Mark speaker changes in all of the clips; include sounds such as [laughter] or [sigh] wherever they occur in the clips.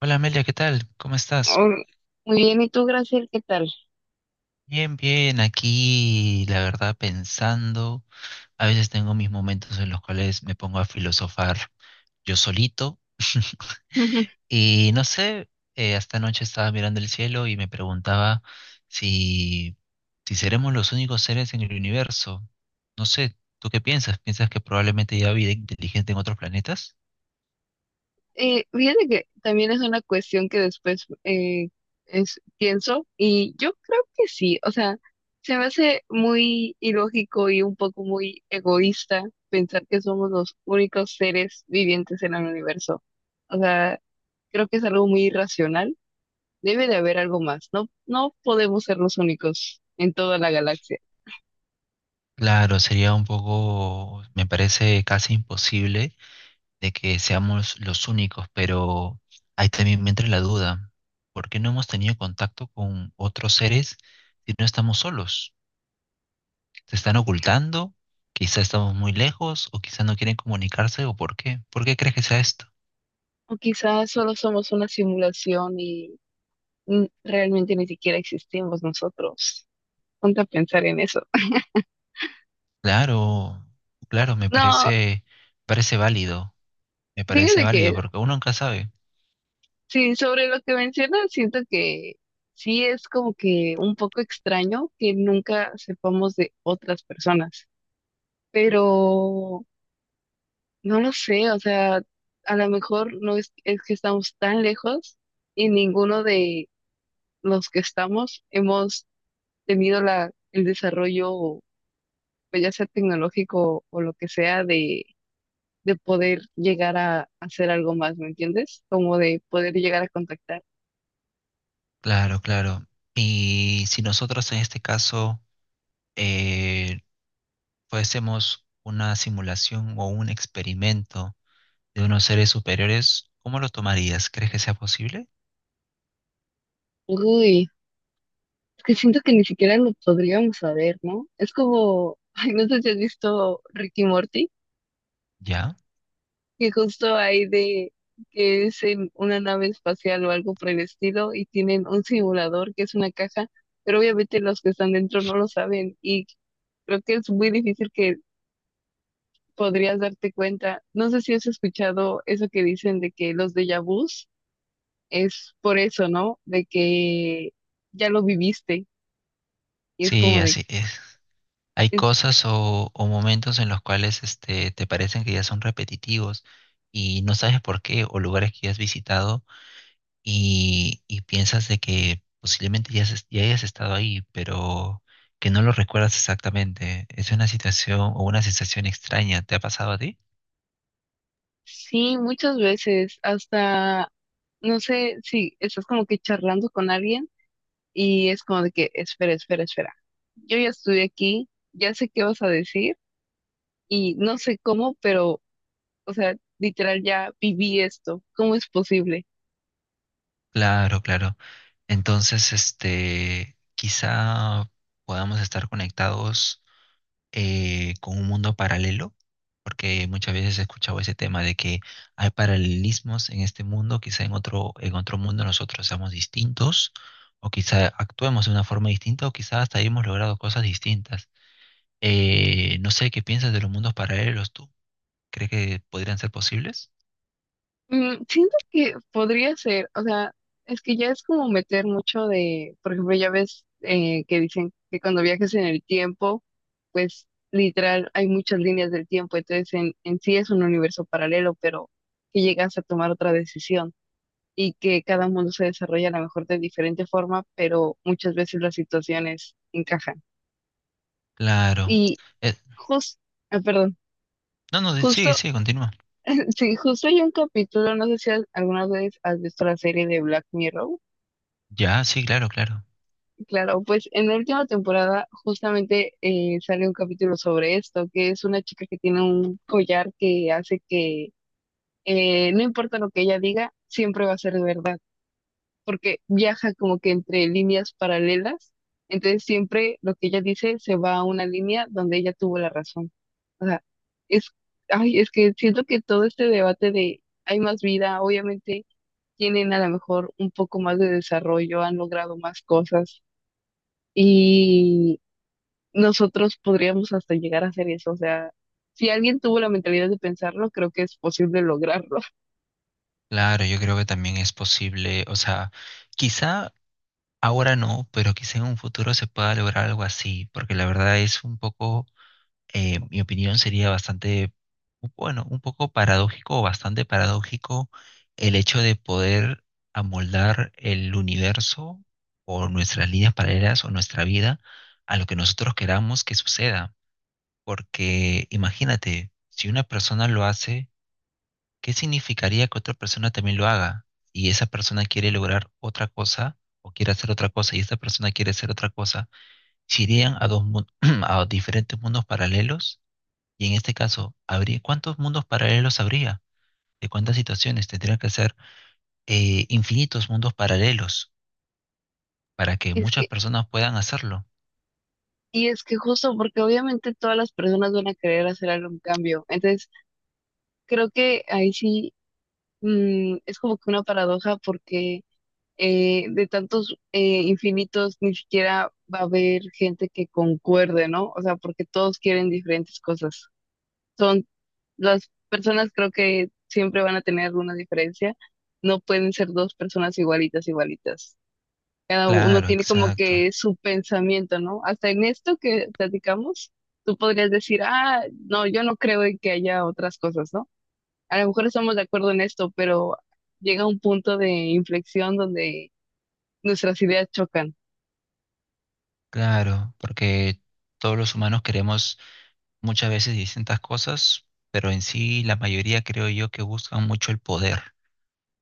Speaker 1: Hola Amelia, ¿qué tal? ¿Cómo estás?
Speaker 2: Or- Muy bien, ¿y tú, Graciel, qué tal?
Speaker 1: Bien, bien, aquí la verdad pensando, a veces tengo mis momentos en los cuales me pongo a filosofar yo solito
Speaker 2: Ujú.
Speaker 1: [laughs] y no sé, hasta anoche estaba mirando el cielo y me preguntaba si, si seremos los únicos seres en el universo. No sé, ¿tú qué piensas? ¿Piensas que probablemente haya vida inteligente en otros planetas?
Speaker 2: Fíjate que también es una cuestión que después pienso y yo creo que sí. O sea, se me hace muy ilógico y un poco muy egoísta pensar que somos los únicos seres vivientes en el universo. O sea, creo que es algo muy irracional. Debe de haber algo más. No, no podemos ser los únicos en toda la galaxia.
Speaker 1: Claro, sería un poco, me parece casi imposible de que seamos los únicos, pero ahí también me entra la duda. ¿Por qué no hemos tenido contacto con otros seres si no estamos solos? ¿Se están ocultando? Quizá estamos muy lejos o quizá no quieren comunicarse o por qué. ¿Por qué crees que sea esto?
Speaker 2: O quizás solo somos una simulación, realmente ni siquiera existimos nosotros. Ponte a pensar en eso.
Speaker 1: Claro, claro, me
Speaker 2: No,
Speaker 1: parece, parece válido, me parece
Speaker 2: fíjate
Speaker 1: válido
Speaker 2: que
Speaker 1: porque uno nunca sabe.
Speaker 2: sí, sobre lo que mencionas, siento que sí es como que un poco extraño que nunca sepamos de otras personas, pero no lo sé. O sea, a lo mejor no es, es que estamos tan lejos y ninguno de los que estamos hemos tenido la, el desarrollo, pues ya sea tecnológico o lo que sea, de poder llegar a hacer algo más, ¿me entiendes? Como de poder llegar a contactar.
Speaker 1: Claro, claro. Y si nosotros en este caso eh, fuésemos una simulación o un experimento, de unos seres superiores, ¿cómo lo tomarías? ¿Crees que sea posible?
Speaker 2: Uy, es que siento que ni siquiera lo podríamos saber, ¿no? Es como, [laughs] ay, no sé si has visto Ricky Morty,
Speaker 1: Ya.
Speaker 2: que justo hay de que es en una nave espacial o algo por el estilo y tienen un simulador que es una caja, pero obviamente los que están dentro no lo saben y creo que es muy difícil que podrías darte cuenta. No sé si has escuchado eso que dicen de que los déjà vu es por eso, ¿no? De que ya lo viviste y es
Speaker 1: Sí,
Speaker 2: como de,
Speaker 1: así es. Hay
Speaker 2: es-
Speaker 1: cosas o momentos en los cuales este, te parecen que ya son repetitivos y no sabes por qué, o lugares que ya has visitado y piensas de que posiblemente ya, ya hayas estado ahí, pero que no lo recuerdas exactamente. Es una situación o una sensación extraña. ¿Te ha pasado a ti?
Speaker 2: sí, muchas veces hasta, no sé, si estás como que charlando con alguien y es como de que, espera, espera, espera, yo ya estuve aquí, ya sé qué vas a decir y no sé cómo, pero, o sea, literal ya viví esto, ¿cómo es posible?
Speaker 1: Claro, claro. Entonces, este, quizá podamos estar conectados con un mundo paralelo, porque muchas veces he escuchado ese tema de que hay paralelismos en este mundo, quizá en otro mundo nosotros seamos distintos, o quizá actuemos de una forma distinta, o quizá hasta hayamos logrado cosas distintas. No sé qué piensas de los mundos paralelos tú. ¿Crees que podrían ser posibles?
Speaker 2: Mm, siento que podría ser. O sea, es que ya es como meter mucho de, por ejemplo, ya ves que dicen que cuando viajes en el tiempo, pues literal hay muchas líneas del tiempo, entonces en sí es un universo paralelo, pero que llegas a tomar otra decisión y que cada mundo se desarrolla a lo mejor de diferente forma, pero muchas veces las situaciones encajan.
Speaker 1: Claro.
Speaker 2: Y
Speaker 1: Eh,
Speaker 2: justo, perdón,
Speaker 1: no, no, sigue,
Speaker 2: justo,
Speaker 1: sigue, continúa.
Speaker 2: [laughs] sí, justo hay un capítulo, no sé si alguna vez has visto la serie de Black Mirror.
Speaker 1: Ya, sí, claro, claro.
Speaker 2: Claro, pues en la última temporada justamente sale un capítulo sobre esto, que es una chica que tiene un collar que hace que no importa lo que ella diga, siempre va a ser verdad, porque viaja como que entre líneas paralelas, entonces siempre lo que ella dice se va a una línea donde ella tuvo la razón. O sea, es, ay, es que siento que todo este debate de hay más vida, obviamente tienen a lo mejor un poco más de desarrollo, han logrado más cosas, nosotros podríamos hasta llegar a hacer eso. O sea, si alguien tuvo la mentalidad de pensarlo, creo que es posible lograrlo. [laughs]
Speaker 1: Claro, yo creo que también es posible, o sea, quizá ahora no, pero quizá en un futuro se pueda lograr algo así, porque la verdad es un poco, mi opinión sería bastante, bueno, un poco paradójico o bastante paradójico, el hecho de poder amoldar el universo o nuestras líneas paralelas o nuestra vida a lo que nosotros queramos que suceda. Porque imagínate, si una persona lo hace, ¿qué significaría que otra persona también lo haga? Y esa persona quiere lograr otra cosa o quiere hacer otra cosa y esta persona quiere hacer otra cosa. ¿Se irían a [clears throat] a diferentes mundos paralelos? Y en este caso, ¿habría cuántos mundos paralelos habría? ¿De cuántas situaciones? Tendrían que ser infinitos mundos paralelos para que
Speaker 2: Es
Speaker 1: muchas
Speaker 2: que,
Speaker 1: personas puedan hacerlo.
Speaker 2: y es que justo porque obviamente todas las personas van a querer hacer algún cambio. Entonces, creo que ahí sí, es como que una paradoja porque de tantos infinitos ni siquiera va a haber gente que concuerde, ¿no? O sea, porque todos quieren diferentes cosas. Son, las personas creo que siempre van a tener una diferencia. No pueden ser dos personas igualitas, igualitas. Cada uno
Speaker 1: Claro,
Speaker 2: tiene como
Speaker 1: exacto.
Speaker 2: que su pensamiento, ¿no? Hasta en esto que platicamos, tú podrías decir, ah, no, yo no creo en que haya otras cosas, ¿no? A lo mejor estamos de acuerdo en esto, pero llega un punto de inflexión donde nuestras ideas chocan.
Speaker 1: Claro, porque todos los humanos queremos muchas veces distintas cosas, pero en sí la mayoría creo yo que buscan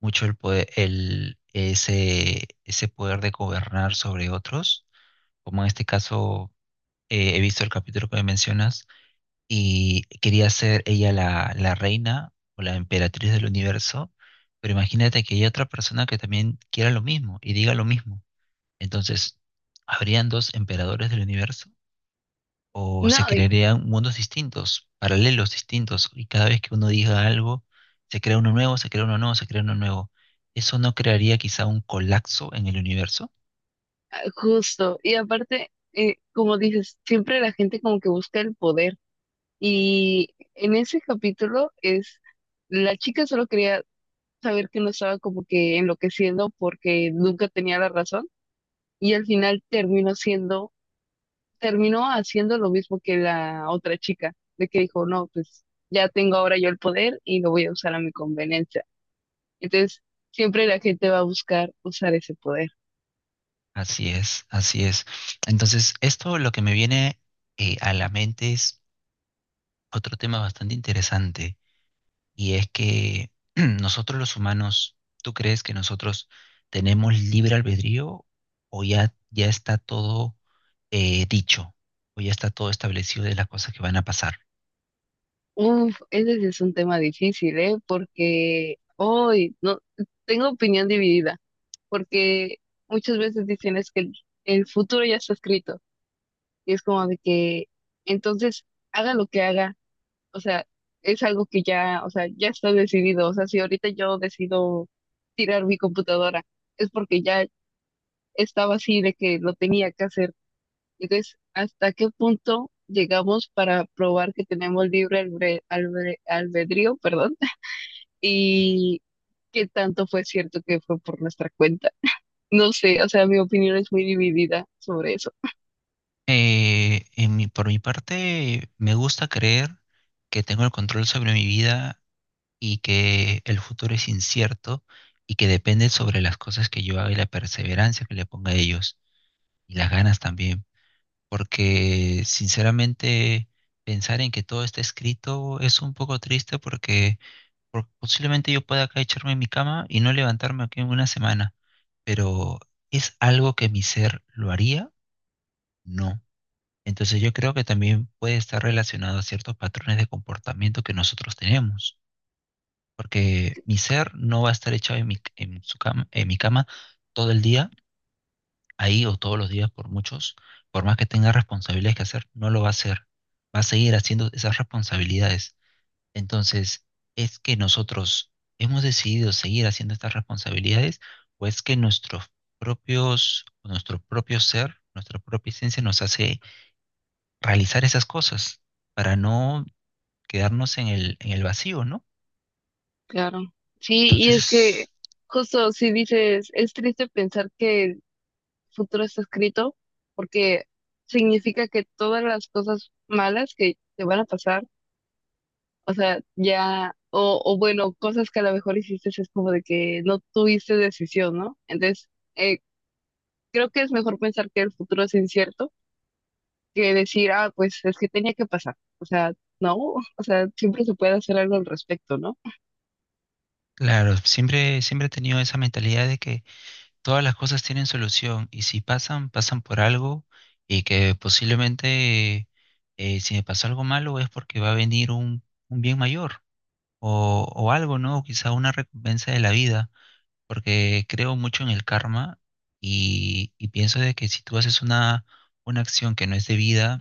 Speaker 1: mucho el poder, el, ese poder de gobernar sobre otros, como en este caso he visto el capítulo que me mencionas y quería ser ella la, la reina o la emperatriz del universo, pero imagínate que hay otra persona que también quiera lo mismo y diga lo mismo. Entonces, ¿habrían dos emperadores del universo? ¿O se
Speaker 2: No, y-
Speaker 1: crearían mundos distintos, paralelos distintos, y cada vez que uno diga algo, se crea uno nuevo, se crea uno nuevo, se crea uno nuevo? ¿Eso no crearía quizá un colapso en el universo?
Speaker 2: ah, justo. Y aparte, como dices, siempre la gente como que busca el poder. Y en ese capítulo es, la chica solo quería saber que no estaba como que enloqueciendo porque nunca tenía la razón y al final terminó siendo, terminó haciendo lo mismo que la otra chica, de que dijo, no, pues ya tengo ahora yo el poder y lo voy a usar a mi conveniencia. Entonces, siempre la gente va a buscar usar ese poder.
Speaker 1: Así es, así es. Entonces, esto lo que me viene a la mente es otro tema bastante interesante, y es que [clears throat] nosotros los humanos, ¿tú crees que nosotros tenemos libre albedrío o ya, ya está todo dicho, o ya está todo establecido de las cosas que van a pasar?
Speaker 2: Uf, ese sí es un tema difícil, ¿eh? Porque hoy no, tengo opinión dividida, porque muchas veces dicen es que el futuro ya está escrito y es como de que entonces haga lo que haga, o sea, es algo que ya, o sea, ya está decidido. O sea, si ahorita yo decido tirar mi computadora, es porque ya estaba así de que lo tenía que hacer. Entonces, ¿hasta qué punto llegamos para probar que tenemos libre albedrío, perdón? [laughs] Y ¿qué tanto fue cierto que fue por nuestra cuenta? No sé, o sea, mi opinión es muy dividida sobre eso,
Speaker 1: Por mi parte, me gusta creer que tengo el control sobre mi vida y que el futuro es incierto y que depende sobre las cosas que yo haga y la perseverancia que le ponga a ellos y las ganas también. Porque sinceramente pensar en que todo está escrito es un poco triste porque, posiblemente yo pueda acá echarme en mi cama y no levantarme aquí en una semana, pero ¿es algo que mi ser lo haría? No. Entonces yo creo que también puede estar relacionado a ciertos patrones de comportamiento que nosotros tenemos, porque mi ser no va a estar echado en mi, en su cama, en mi cama todo el día, ahí o todos los días por muchos, por más que tenga responsabilidades que hacer, no lo va a hacer, va a seguir haciendo esas responsabilidades. Entonces, ¿es que nosotros hemos decidido seguir haciendo estas responsabilidades o es que nuestros propios, nuestro propio ser, nuestra propia esencia nos hace realizar esas cosas para no quedarnos en el vacío, ¿no?
Speaker 2: claro. Sí, y es que
Speaker 1: Entonces,
Speaker 2: justo si dices, es triste pensar que el futuro está escrito, porque significa que todas las cosas malas que te van a pasar, o sea, ya, o bueno, cosas que a lo mejor hiciste es como de que no tuviste decisión, ¿no? Entonces, eh, creo que es mejor pensar que el futuro es incierto que decir, ah, pues es que tenía que pasar. O sea, no, o sea, siempre se puede hacer algo al respecto, ¿no?
Speaker 1: claro, siempre, siempre he tenido esa mentalidad de que todas las cosas tienen solución y si pasan, pasan por algo y que posiblemente si me pasó algo malo es porque va a venir un bien mayor o algo, ¿no? O quizá una recompensa de la vida, porque creo mucho en el karma y pienso de que si tú haces una acción que no es debida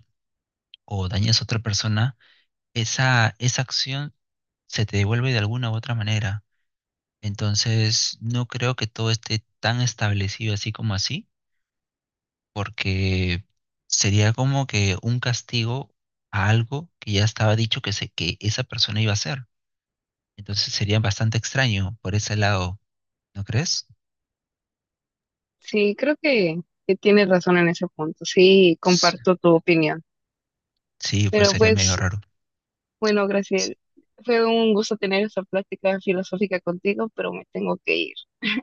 Speaker 1: o dañas a otra persona, esa acción se te devuelve de alguna u otra manera. Entonces, no creo que todo esté tan establecido así como así, porque sería como que un castigo a algo que ya estaba dicho que, se, que esa persona iba a hacer. Entonces sería bastante extraño por ese lado, ¿no crees?
Speaker 2: Sí, creo que tienes razón en ese punto. Sí,
Speaker 1: S-
Speaker 2: comparto tu opinión.
Speaker 1: Sí, pues
Speaker 2: Pero
Speaker 1: sería medio
Speaker 2: pues,
Speaker 1: raro.
Speaker 2: bueno,
Speaker 1: S-
Speaker 2: Graciela, fue un gusto tener esta plática filosófica contigo, pero me tengo que ir.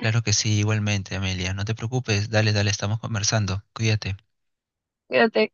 Speaker 1: Claro que sí, igualmente, Amelia. No te preocupes, dale, dale, estamos conversando. Cuídate.
Speaker 2: Cuídate.